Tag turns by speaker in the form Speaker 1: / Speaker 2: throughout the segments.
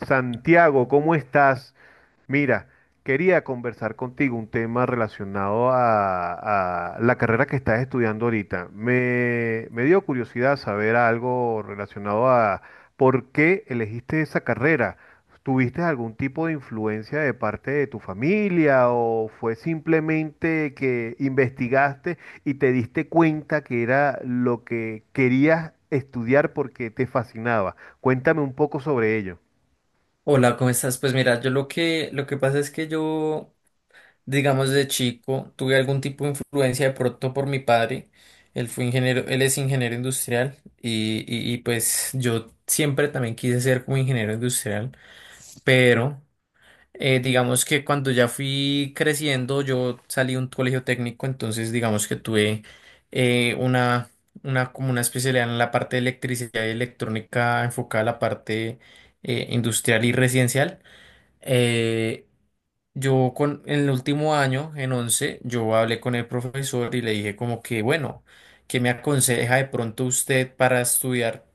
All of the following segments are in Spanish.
Speaker 1: Santiago, ¿cómo estás? Mira, quería conversar contigo un tema relacionado a la carrera que estás estudiando ahorita. Me dio curiosidad saber algo relacionado a por qué elegiste esa carrera. ¿Tuviste algún tipo de influencia de parte de tu familia o fue simplemente que investigaste y te diste cuenta que era lo que querías estudiar porque te fascinaba? Cuéntame un poco sobre ello.
Speaker 2: Hola, ¿cómo estás? Pues mira, yo lo que pasa es que yo, digamos, de chico tuve algún tipo de influencia de pronto por mi padre. Él fue ingeniero, él es ingeniero industrial y pues yo siempre también quise ser como ingeniero industrial, pero digamos que cuando ya fui creciendo, yo salí de un colegio técnico, entonces digamos que tuve eh, una, como una especialidad en la parte de electricidad y electrónica enfocada a la parte industrial y residencial. Eh, en el último año, en 11 yo hablé con el profesor y le dije como que, bueno, ¿qué me aconseja de pronto usted para estudiar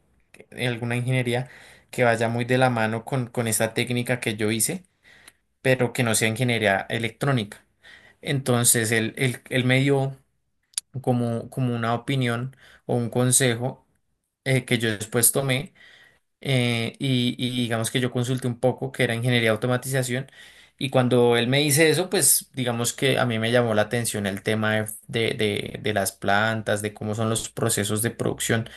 Speaker 2: alguna ingeniería que vaya muy de la mano con esta técnica que yo hice, pero que no sea ingeniería electrónica? Entonces él me dio como una opinión o un consejo, que yo después tomé, y digamos que yo consulté un poco que era ingeniería de automatización, y cuando él me dice eso, pues digamos que a mí me llamó la atención el tema de, de las plantas, de cómo son los procesos de producción.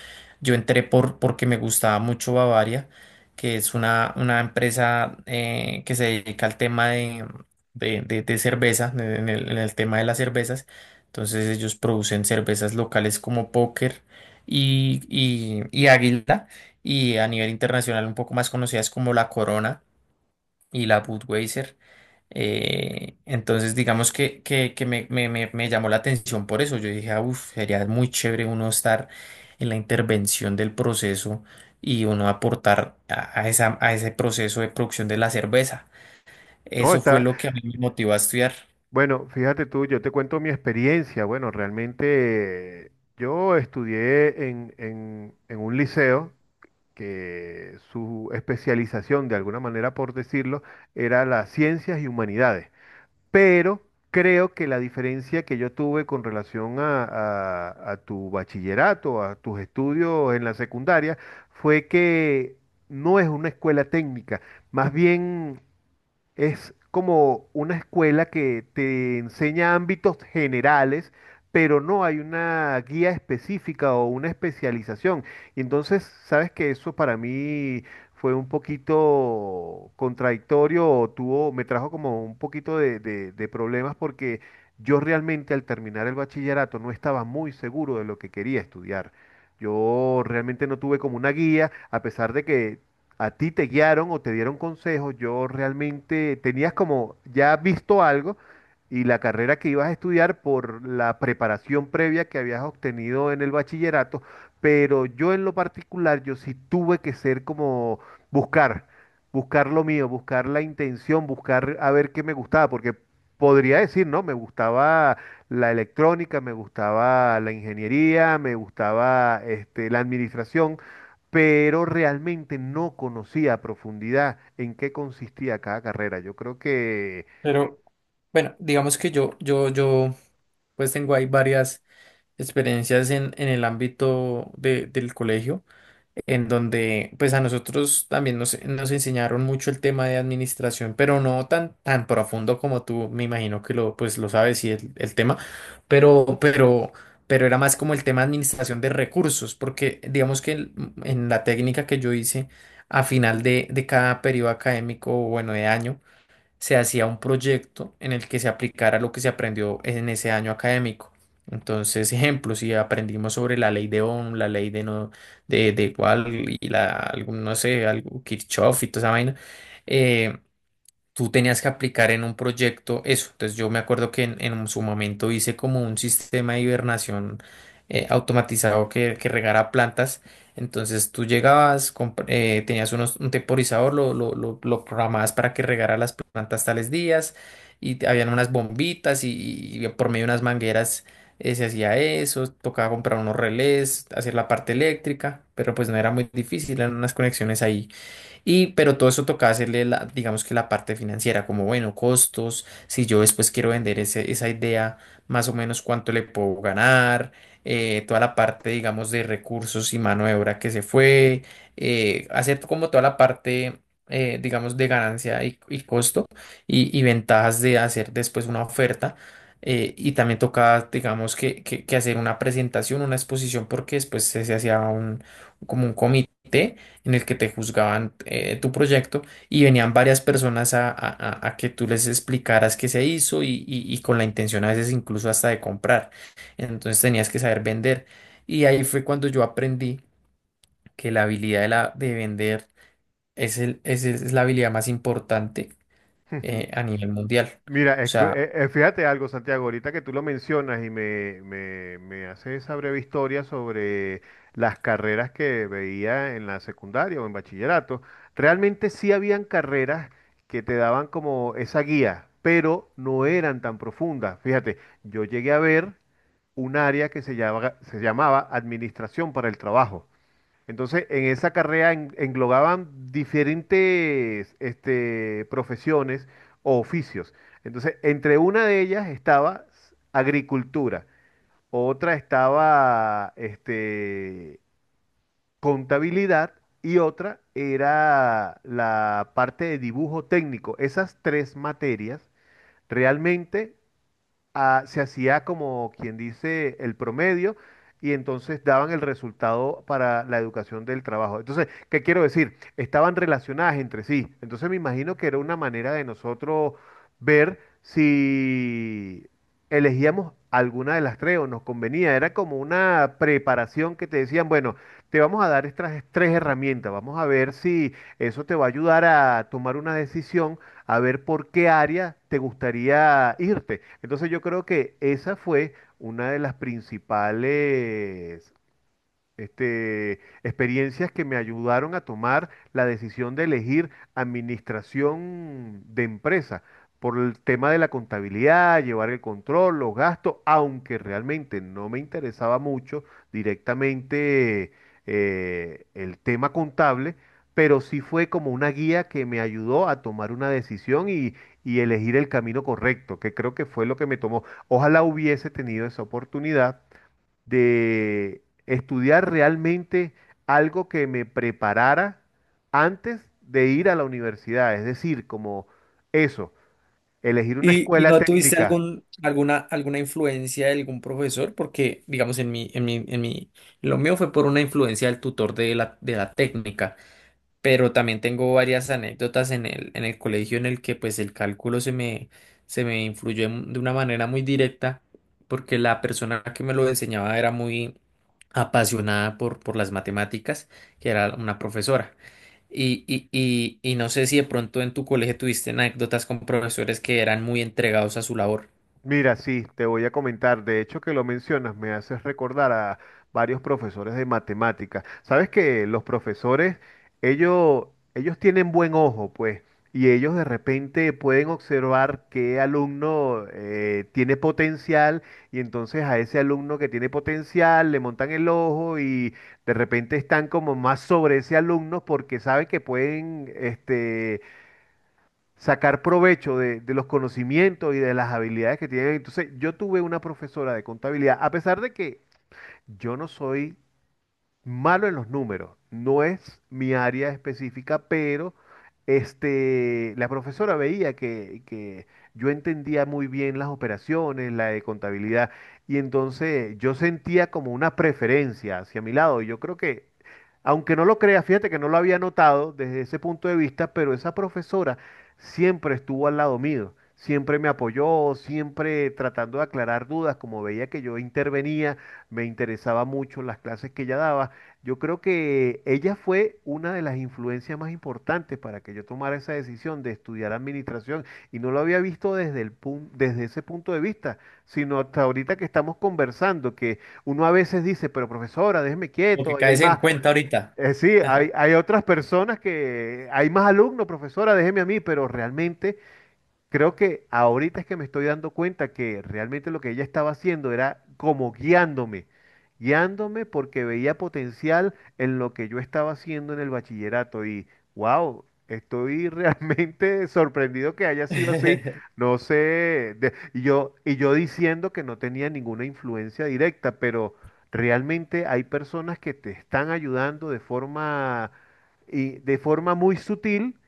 Speaker 2: Yo entré por, porque me gustaba mucho Bavaria, que es una empresa, que se dedica al tema de, de cerveza, en el tema de las cervezas. Entonces ellos producen cervezas locales como Póker y, y Águila, y a nivel internacional un poco más conocidas como la Corona y la Budweiser. Entonces, digamos que me, me llamó la atención por eso. Yo dije, uff, sería muy chévere uno estar en la intervención del proceso y uno aportar a esa, a ese proceso de producción de la cerveza.
Speaker 1: No,
Speaker 2: Eso fue
Speaker 1: está,
Speaker 2: lo que a mí me motivó a estudiar.
Speaker 1: bueno, fíjate tú, yo te cuento mi experiencia. Bueno, realmente yo estudié en un liceo que su especialización, de alguna manera por decirlo, era las ciencias y humanidades. Pero creo que la diferencia que yo tuve con relación a, a tu bachillerato, a tus estudios en la secundaria, fue que no es una escuela técnica, más bien es como una escuela que te enseña ámbitos generales, pero no hay una guía específica o una especialización. Y entonces, sabes que eso para mí fue un poquito contradictorio o tuvo, me trajo como un poquito de, de problemas porque yo realmente al terminar el bachillerato no estaba muy seguro de lo que quería estudiar. Yo realmente no tuve como una guía, a pesar de que a ti te guiaron o te dieron consejos, yo realmente tenías como ya visto algo y la carrera que ibas a estudiar por la preparación previa que habías obtenido en el bachillerato, pero yo en lo particular, yo sí tuve que ser como buscar, buscar lo mío, buscar la intención, buscar a ver qué me gustaba, porque podría decir, ¿no? Me gustaba la electrónica, me gustaba la ingeniería, me gustaba este, la administración pero realmente no conocía a profundidad en qué consistía cada carrera. Yo creo que,
Speaker 2: Pero bueno, digamos que yo, pues tengo ahí varias experiencias en el ámbito del colegio, en donde pues a nosotros también nos, nos enseñaron mucho el tema de administración, pero no tan, tan profundo como tú, me imagino que lo, pues, lo sabes, y el tema, pero, pero, pero era más como el tema de administración de recursos, porque digamos que en la técnica que yo hice a final de cada periodo académico, bueno, de año, se hacía un proyecto en el que se aplicara lo que se aprendió en ese año académico. Entonces, ejemplo, si aprendimos sobre la ley de Ohm, la ley de no, de igual y la, algún, no sé, algo, Kirchhoff y toda esa vaina, eh, tú tenías que aplicar en un proyecto eso. Entonces yo me acuerdo que en su momento hice como un sistema de hibernación, automatizado, que regara plantas. Entonces tú llegabas, tenías unos, un temporizador, lo programabas para que regara las plantas tales días y habían unas bombitas, y por medio de unas mangueras se hacía eso, tocaba comprar unos relés, hacer la parte eléctrica, pero pues no era muy difícil, eran unas conexiones ahí y, pero todo eso toca hacerle la, digamos que la parte financiera, como bueno, costos, si yo después quiero vender esa idea, más o menos cuánto le puedo ganar, toda la parte, digamos, de recursos y mano de obra que se fue, hacer como toda la parte, digamos, de ganancia y costo, y ventajas de hacer después una oferta. Y también toca, digamos, que hacer una presentación, una exposición, porque después se, se hacía un, como un comité en el que te juzgaban, tu proyecto, y venían varias personas a, a que tú les explicaras qué se hizo y, y con la intención a veces incluso hasta de comprar. Entonces tenías que saber vender. Y ahí fue cuando yo aprendí que la habilidad de, la, de vender es, el, es la habilidad más importante a nivel mundial.
Speaker 1: mira,
Speaker 2: O
Speaker 1: es que,
Speaker 2: sea,
Speaker 1: fíjate algo, Santiago, ahorita que tú lo mencionas y me haces esa breve historia sobre las carreras que veía en la secundaria o en bachillerato, realmente sí habían carreras que te daban como esa guía, pero no eran tan profundas. Fíjate, yo llegué a ver un área que se llama- se llamaba Administración para el Trabajo. Entonces, en esa carrera en- englobaban diferentes este, profesiones o oficios. Entonces, entre una de ellas estaba s- agricultura, otra estaba este, contabilidad y otra era la parte de dibujo técnico. Esas tres materias realmente ah, se hacía como quien dice el promedio y entonces daban el resultado para la educación del trabajo. Entonces, ¿qué quiero decir? Estaban relacionadas entre sí. Entonces me imagino que era una manera de nosotros ver si elegíamos alguna de las tres o nos convenía. Era como una preparación que te decían, bueno, te vamos a dar estas tres herramientas, vamos a ver si eso te va a ayudar a tomar una decisión a ver por qué área te gustaría irte. Entonces yo creo que esa fue una de las principales este, experiencias que me ayudaron a tomar la decisión de elegir administración de empresa por el tema de la contabilidad, llevar el control, los gastos, aunque realmente no me interesaba mucho directamente el tema contable, pero sí fue como una guía que me ayudó a tomar una decisión y elegir el camino correcto, que creo que fue lo que me tomó. Ojalá hubiese tenido esa oportunidad de estudiar realmente algo que me preparara antes de ir a la universidad. Es decir, como eso, elegir una
Speaker 2: y, ¿y
Speaker 1: escuela
Speaker 2: no tuviste
Speaker 1: técnica.
Speaker 2: algún, alguna, alguna influencia de algún profesor? Porque, digamos, en mi, en mi, en mi, lo mío fue por una influencia del tutor de la técnica. Pero también tengo varias anécdotas en el colegio en el que pues el cálculo se me influyó de una manera muy directa, porque la persona que me lo enseñaba era muy apasionada por las matemáticas, que era una profesora. Y no sé si de pronto en tu colegio tuviste anécdotas con profesores que eran muy entregados a su labor.
Speaker 1: Mira, sí, te voy a comentar. De hecho, que lo mencionas, me haces recordar a varios profesores de matemáticas. Sabes que los profesores, ellos, ellos tienen buen ojo, pues, y ellos de repente pueden observar qué alumno tiene potencial, y entonces a ese alumno que tiene potencial le montan el ojo y de repente están como más sobre ese alumno porque saben que pueden, este sacar provecho de los conocimientos y de las habilidades que tienen. Entonces, yo tuve una profesora de contabilidad, a pesar de que yo no soy malo en los números. No es mi área específica, pero este, la profesora veía que yo entendía muy bien las operaciones, la de contabilidad, y entonces yo sentía como una preferencia hacia mi lado. Y yo creo que, aunque no lo crea, fíjate que no lo había notado desde ese punto de vista, pero esa profesora siempre estuvo al lado mío. Siempre me apoyó, siempre tratando de aclarar dudas, como veía que yo intervenía, me interesaba mucho las clases que ella daba. Yo creo que ella fue una de las influencias más importantes para que yo tomara esa decisión de estudiar administración y no lo había visto desde el pun- desde ese punto de vista, sino hasta ahorita que estamos conversando, que uno a veces dice, pero profesora, déjeme
Speaker 2: Lo
Speaker 1: quieto,
Speaker 2: que
Speaker 1: ahí hay
Speaker 2: caes en
Speaker 1: más.
Speaker 2: cuenta ahorita.
Speaker 1: Sí, hay otras personas que hay más alumnos, profesora, déjeme a mí, pero realmente creo que ahorita es que me estoy dando cuenta que realmente lo que ella estaba haciendo era como guiándome, guiándome porque veía potencial en lo que yo estaba haciendo en el bachillerato y wow, estoy realmente sorprendido que haya sido así. No sé, de- y yo diciendo que no tenía ninguna influencia directa, pero realmente hay personas que te están ayudando de forma y de forma muy sutil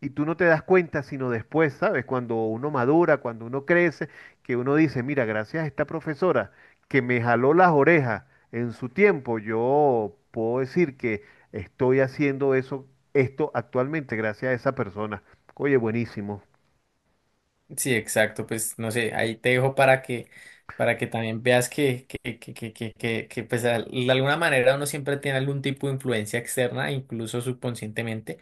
Speaker 1: y tú no te das cuenta, sino después, ¿sabes? Cuando uno madura, cuando uno crece, que uno dice, mira, gracias a esta profesora que me jaló las orejas en su tiempo, yo puedo decir que estoy haciendo eso, esto actualmente gracias a esa persona. Oye, buenísimo.
Speaker 2: Sí, exacto, pues no sé, ahí te dejo para que también veas que, pues de alguna manera uno siempre tiene algún tipo de influencia externa, incluso subconscientemente,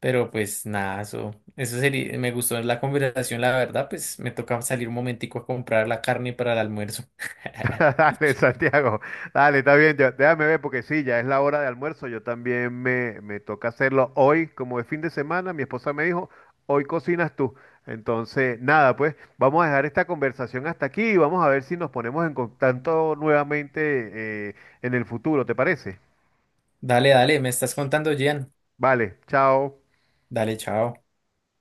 Speaker 2: pero pues nada, eso sería, me gustó la conversación, la verdad, pues me toca salir un momentico a comprar la carne para el almuerzo.
Speaker 1: Dale, Santiago, dale, está bien, yo- déjame ver porque sí, ya es la hora de almuerzo, yo también me toca hacerlo hoy, como es fin de semana, mi esposa me dijo, hoy cocinas tú. Entonces, nada, pues vamos a dejar esta conversación hasta aquí y vamos a ver si nos ponemos en contacto nuevamente en el futuro, ¿te parece?
Speaker 2: Dale, dale, me estás contando, Gian.
Speaker 1: Vale, chao.
Speaker 2: Dale, chao.